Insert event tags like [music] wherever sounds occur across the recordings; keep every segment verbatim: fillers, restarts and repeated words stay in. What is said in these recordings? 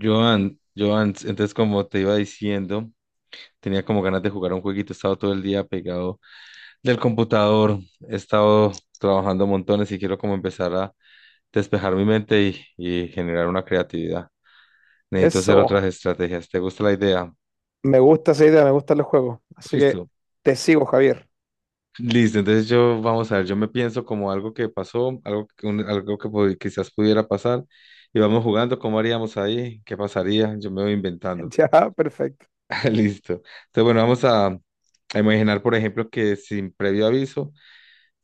Joan, Joan, entonces como te iba diciendo, tenía como ganas de jugar un jueguito, he estado todo el día pegado del computador, he estado trabajando montones y quiero como empezar a despejar mi mente y, y generar una creatividad. Necesito hacer otras Eso. estrategias. ¿Te gusta la idea? Me gusta esa idea, me gustan los juegos. Así que Listo. te sigo, Javier. [laughs] Listo, entonces yo, vamos a ver, yo me pienso como algo que pasó, algo, que- un- algo que pod- quizás pudiera pasar y vamos jugando, ¿cómo haríamos ahí? ¿Qué pasaría? Yo me voy inventando. Ya, perfecto. [laughs] Listo. Entonces, bueno, vamos a, a imaginar, por ejemplo, que sin previo aviso,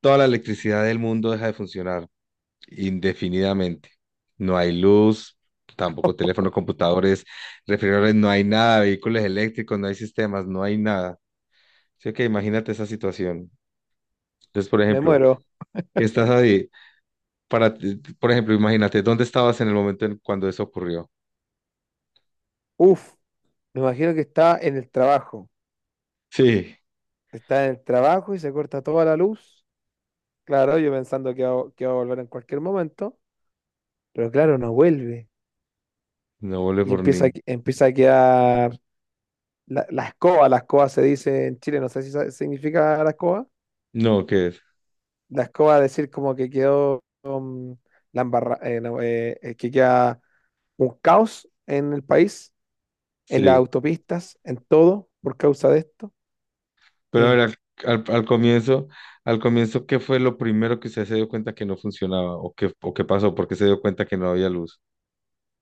toda la electricidad del mundo deja de funcionar indefinidamente. No hay luz, tampoco teléfono, computadores, refrigeradores, no hay nada, vehículos eléctricos, no hay sistemas, no hay nada. Así que imagínate esa situación. Entonces, por Me ejemplo, muero. estás ahí, para, ti- por ejemplo, imagínate, ¿dónde estabas en el momento en cuando eso ocurrió? Uf, me imagino que está en el trabajo. Sí, Está en el trabajo y se corta toda la luz. Claro, yo pensando que va, que va a volver en cualquier momento. Pero claro, no vuelve. no volé Y por ni. empieza, a- que- empieza a quedar la, la escoba. La escoba se dice en Chile, no sé si sa- significa la escoba. No, ¿qué es? La escoba decir como que quedó um, la embarra- eh, no, eh, eh, que queda un caos en el país en las Sí. autopistas, en todo, por causa de esto. Pero a ver, Eh, al, al- al comienzo, al comienzo, ¿qué fue lo primero que usted se dio cuenta que no funcionaba? ¿O qué, o qué pasó? ¿Por qué se dio cuenta que no había luz?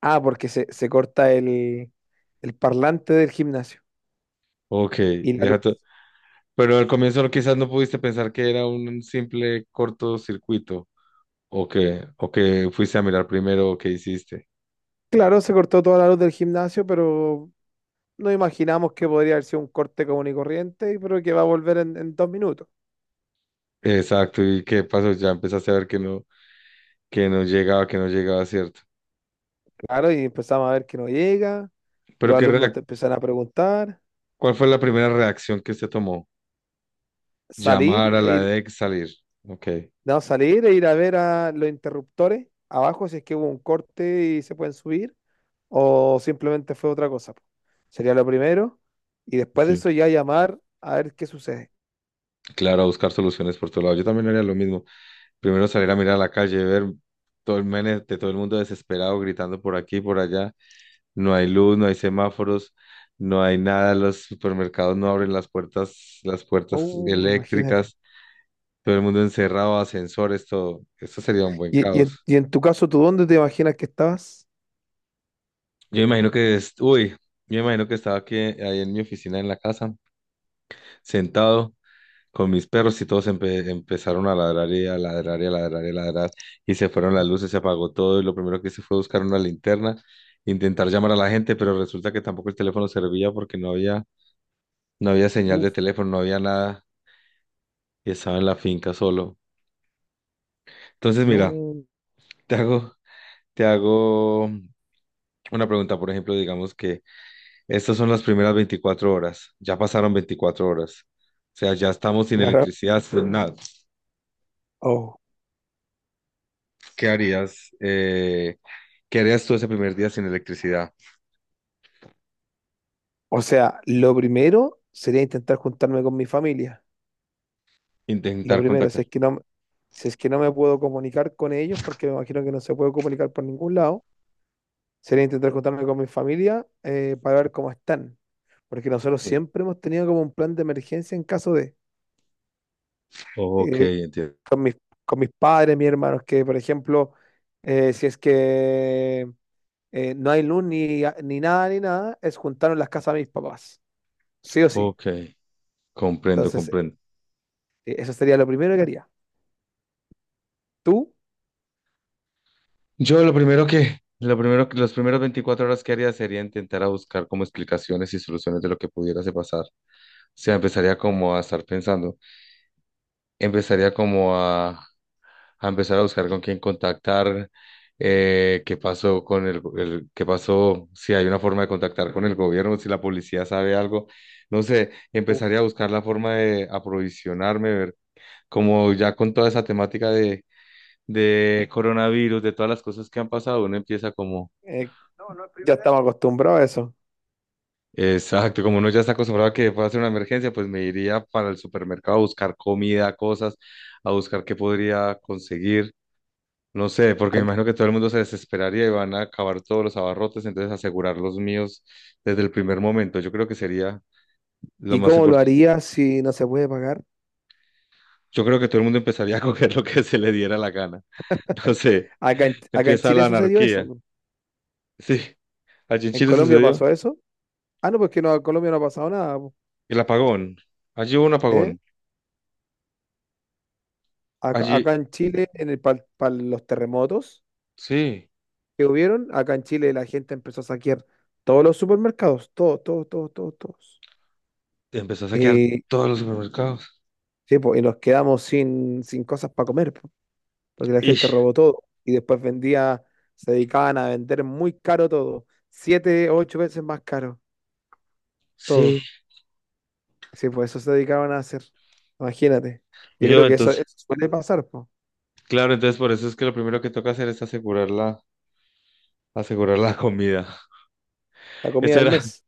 ah, porque se, se corta el, el parlante del gimnasio Ok. y la luz. ya to- Pero al comienzo no- quizás no pudiste pensar que era un simple cortocircuito. ¿O que, o que fuiste a mirar primero o qué hiciste? Claro, se cortó toda la luz del gimnasio, pero no imaginamos que podría haber sido un corte común y corriente, pero que va a volver en, en dos minutos. Exacto, ¿y qué pasó? Ya empezaste a ver que no, que no llegaba, que no llegaba, ¿cierto? Claro, y empezamos a ver que no llega, Pero los qué alumnos reac- te empiezan a preguntar, ¿Cuál fue la primera reacción que usted tomó? salir Llamar a la e ir, D E C, salir. Ok, no, salir e ir a ver a los interruptores abajo si es que hubo un corte y se pueden subir, o simplemente fue otra cosa. Po. Sería lo primero y después de sí. eso ya llamar a ver qué sucede. Claro, a buscar soluciones por todo lado. Yo también haría lo mismo. Primero salir a mirar a la calle, ver todo el mene de todo el mundo desesperado, gritando por aquí y por allá. No hay luz, no hay semáforos, no hay nada. Los supermercados no abren las puertas, las puertas Oh, imagínate. eléctricas. Todo el mundo encerrado, ascensores, todo. Esto sería un buen Y, y en, caos. y en tu caso, ¿tú dónde te imaginas que estabas? Yo imagino que es, uy, yo imagino que estaba aquí, ahí en mi oficina, en la casa, sentado con mis perros y todos empe- empezaron a ladrar y a ladrar y a ladrar y a ladrar y se fueron las luces, se apagó todo y lo primero que hice fue buscar una linterna, intentar llamar a la gente, pero resulta que tampoco el teléfono servía porque no había, no había señal de Uf, teléfono, no había nada y estaba en la finca solo. Entonces, mira, no. te hago, te hago una pregunta, por ejemplo, digamos que estas son las primeras veinticuatro horas, ya pasaron veinticuatro horas. O sea, ya estamos sin Claro. electricidad, sin nada. Oh. ¿Qué harías? Eh, ¿Qué harías tú ese primer día sin electricidad? O sea, lo primero sería intentar juntarme con mi familia. Lo Intentar primero, si contactar. es que no, si es que no me puedo comunicar con ellos, porque me imagino que no se puede comunicar por ningún lado, sería intentar juntarme con mi familia eh, para ver cómo están. Porque nosotros Sí. siempre hemos tenido como un plan de emergencia en caso de... Ok, eh, enti- con mis, con mis padres, mis hermanos, que por ejemplo, eh, si es que eh, no hay luz ni, ni nada, ni nada, es juntarnos las casas de mis papás, sí o sí. ok, comprendo, Entonces, comprendo. eh, eso sería lo primero que haría. ¿Tú? Yo lo primero que, lo primero que, los primeros veinticuatro horas que haría sería intentar a buscar como explicaciones y soluciones de lo que pudiera se pasar. O sea, empezaría como a estar pensando, empezaría como a, a empezar a buscar con quién contactar, eh, qué pasó con el, el- qué pasó, si hay una forma de contactar con el gobierno, si la policía sabe algo, no sé, empezaría Uf, a buscar la forma de aprovisionarme, ver, como ya con toda esa temática de, de coronavirus, de todas las cosas que han pasado, uno empieza como, eh, ya estamos acostumbrados a eso. exacto, como uno ya está acostumbrado a que pueda ser una emergencia, pues me iría para el supermercado a buscar comida, cosas, a buscar qué podría conseguir. No sé, porque me Ac- imagino que todo el mundo se desesperaría y van a acabar todos los abarrotes, entonces asegurar los míos desde el primer momento. Yo creo que sería lo ¿Y más cómo lo importante. harías si no se puede pagar? Yo creo que todo el mundo empezaría a [laughs] coger lo que se le diera la gana. [laughs] No sé, Acá en, acá en empieza Chile la sucedió eso. anarquía. Po. Sí, allí en ¿En Chile Colombia sucedió pasó eso? Ah, no, pues que no, en Colombia no ha pasado nada. Po. el apagón. Allí hubo un ¿Eh? apagón. Acá, Allí, acá en Chile, en el, para los terremotos, sí, que hubieron, acá en Chile la gente empezó a saquear todos los supermercados, todos, todos, todos, todos, todos. empezó a saquear Y, todos los supermercados. sí, po, y nos quedamos sin, sin cosas para comer, po, porque la gente Ish, robó todo y después vendía, se dedicaban a vender muy caro todo, siete, ocho veces más caro sí, todo. Sí, pues eso se dedicaban a hacer, imagínate. Yo yo creo que eso, entonces, eso suele pasar, po, claro, entonces por eso es que lo primero que toca hacer es asegurar la, asegurar la comida. la [laughs] comida Eso del era. mes.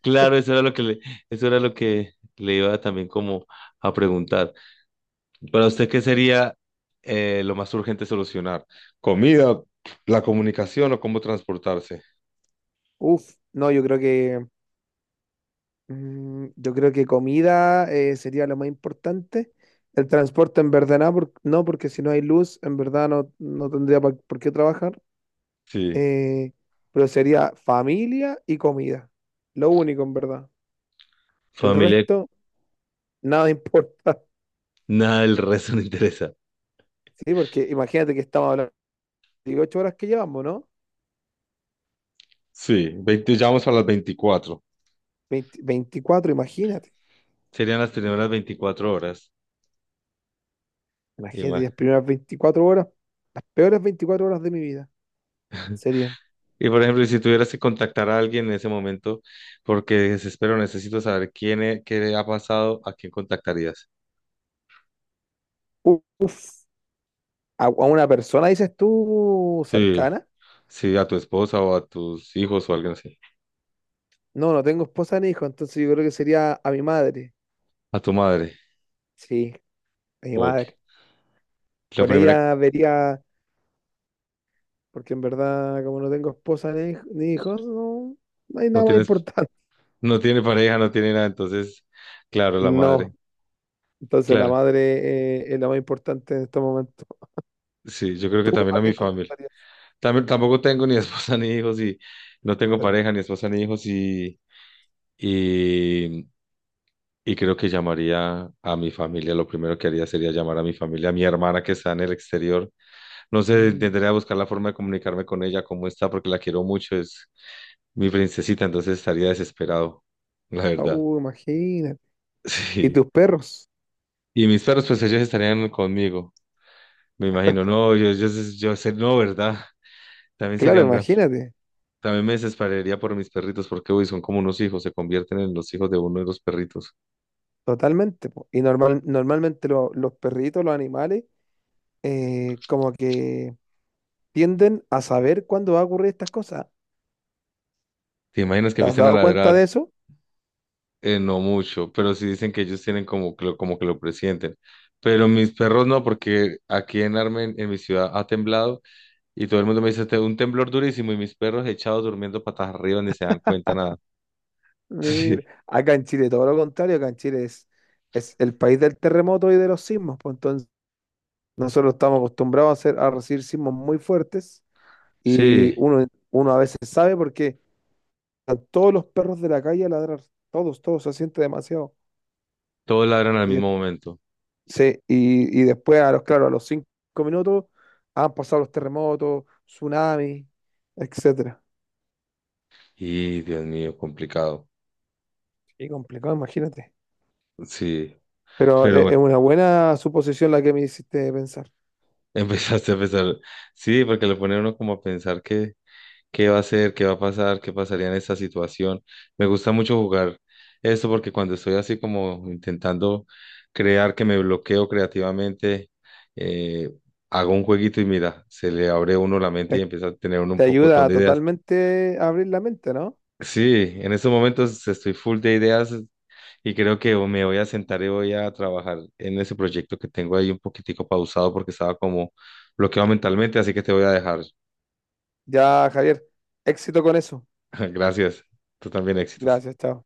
Claro, eso era lo que le, eso era lo que le iba también como a preguntar. Para usted, ¿qué sería eh, lo más urgente solucionar? ¿Comida, la comunicación o cómo transportarse? Uf, no, yo creo que Mm, yo creo que comida eh, sería lo más importante. El transporte en verdad no, por- no, porque si no hay luz, en verdad no, no tendría pa- por qué trabajar. Sí, Eh, pero sería familia y comida. Lo único, en verdad. El familia, resto, nada importa. [laughs] nada del resto no interesa. Sí, porque imagínate que estamos hablando de dieciocho horas que llevamos, ¿no? Sí, veinte, ya vamos a las veinticuatro. Veinte veinticuatro imagínate. Serían las primeras veinticuatro horas. Y, Imagínate ma- las primeras veinticuatro horas, las peores veinticuatro horas de mi vida serían. y, por ejemplo, si tuvieras que contactar a alguien en ese momento, porque desespero, necesito saber quién es, qué le ha pasado, ¿a quién contactarías? Uf, a, a una persona, dices tú, Sí. cercana. Sí, a tu esposa o a tus hijos o alguien así. No, no tengo esposa ni hijo, entonces yo creo que sería a mi madre. A tu madre. Sí, a mi Ok. madre. La Con primera, ella vería, porque en verdad, como no tengo esposa ni, hij- ni hijos, no, no hay no nada más tienes, importante. [laughs] no tiene pareja, no tiene nada, entonces, claro, la madre. No, entonces la Claro. madre eh, es la más importante en este momento. Sí, yo creo que ¿Tú también a a mi quién familia. contactarías? También, tampoco tengo ni [laughs] esposa ni hijos y no tengo [laughs] pareja, ni esposa ni hijos y, y, y creo que llamaría a mi familia. Lo primero que haría sería llamar a mi familia, a mi hermana que está en el exterior. No sé, Mm. intentaré buscar la forma de comunicarme con ella, cómo está, porque la quiero mucho. Es mi princesita, entonces estaría desesperado, la Ah, verdad. uh, [laughs] imagínate. ¿Y Sí. tus perros? Y mis perros, pues ellos estarían conmigo, me imagino. No, yo, yo, yo sé, no, ¿verdad? [laughs] También sería Claro, un gran... imagínate. También me desesperaría por mis perritos, porque uy, son como unos hijos, se convierten en los hijos de uno de los perritos. Totalmente. Po. Y normal, normalmente lo- los perritos, los animales, eh, como que tienden a saber cuándo va a ocurrir estas cosas. ¿Te imaginas que ¿Te has empiezan a dado cuenta de ladrar? eso? Eh, no mucho, pero sí dicen que ellos tienen como que lo, como que lo presienten. Pero mis perros no, porque aquí en Armen, en mi ciudad, ha temblado y todo el mundo me dice, "Te- un temblor durísimo y mis perros echados durmiendo patas arriba ni se dan cuenta". Sí, Mira, acá en Chile todo lo contrario, acá en Chile es, es el país del terremoto y de los sismos, pues entonces nosotros estamos acostumbrados a, hacer, a recibir sismos muy fuertes y sí, uno, uno a veces sabe porque están todos los perros de la calle a ladrar, todos, todos, se siente demasiado. todos ladran al Y, de- mismo momento. sí, y, y después, a los, claro, a los cinco minutos han pasado los terremotos, tsunamis, etcétera. Y Dios mío, complicado. Y complicado, imagínate. Sí, Pero pero e- es bueno, una buena suposición la que me hiciste pensar. [laughs] empezaste a pensar. Sí, porque lo pone a uno como a pensar qué, qué va a hacer, qué va a pasar, qué pasaría en esta situación. Me gusta mucho jugar esto porque cuando estoy así como intentando crear que me bloqueo creativamente, eh, hago un jueguito y mira, se le abre a uno la mente y Eh, empieza a tener uno Te un pocotón ayuda de ideas. totalmente a abrir la mente, ¿no? Sí, en estos momentos estoy full de ideas. Y creo que me voy a sentar y voy a trabajar en ese proyecto que tengo ahí un poquitico pausado porque estaba como bloqueado mentalmente, así que te voy a dejar. Ya, Javier, éxito con eso. [laughs] Gracias. Tú también éxitos. Gracias, chao.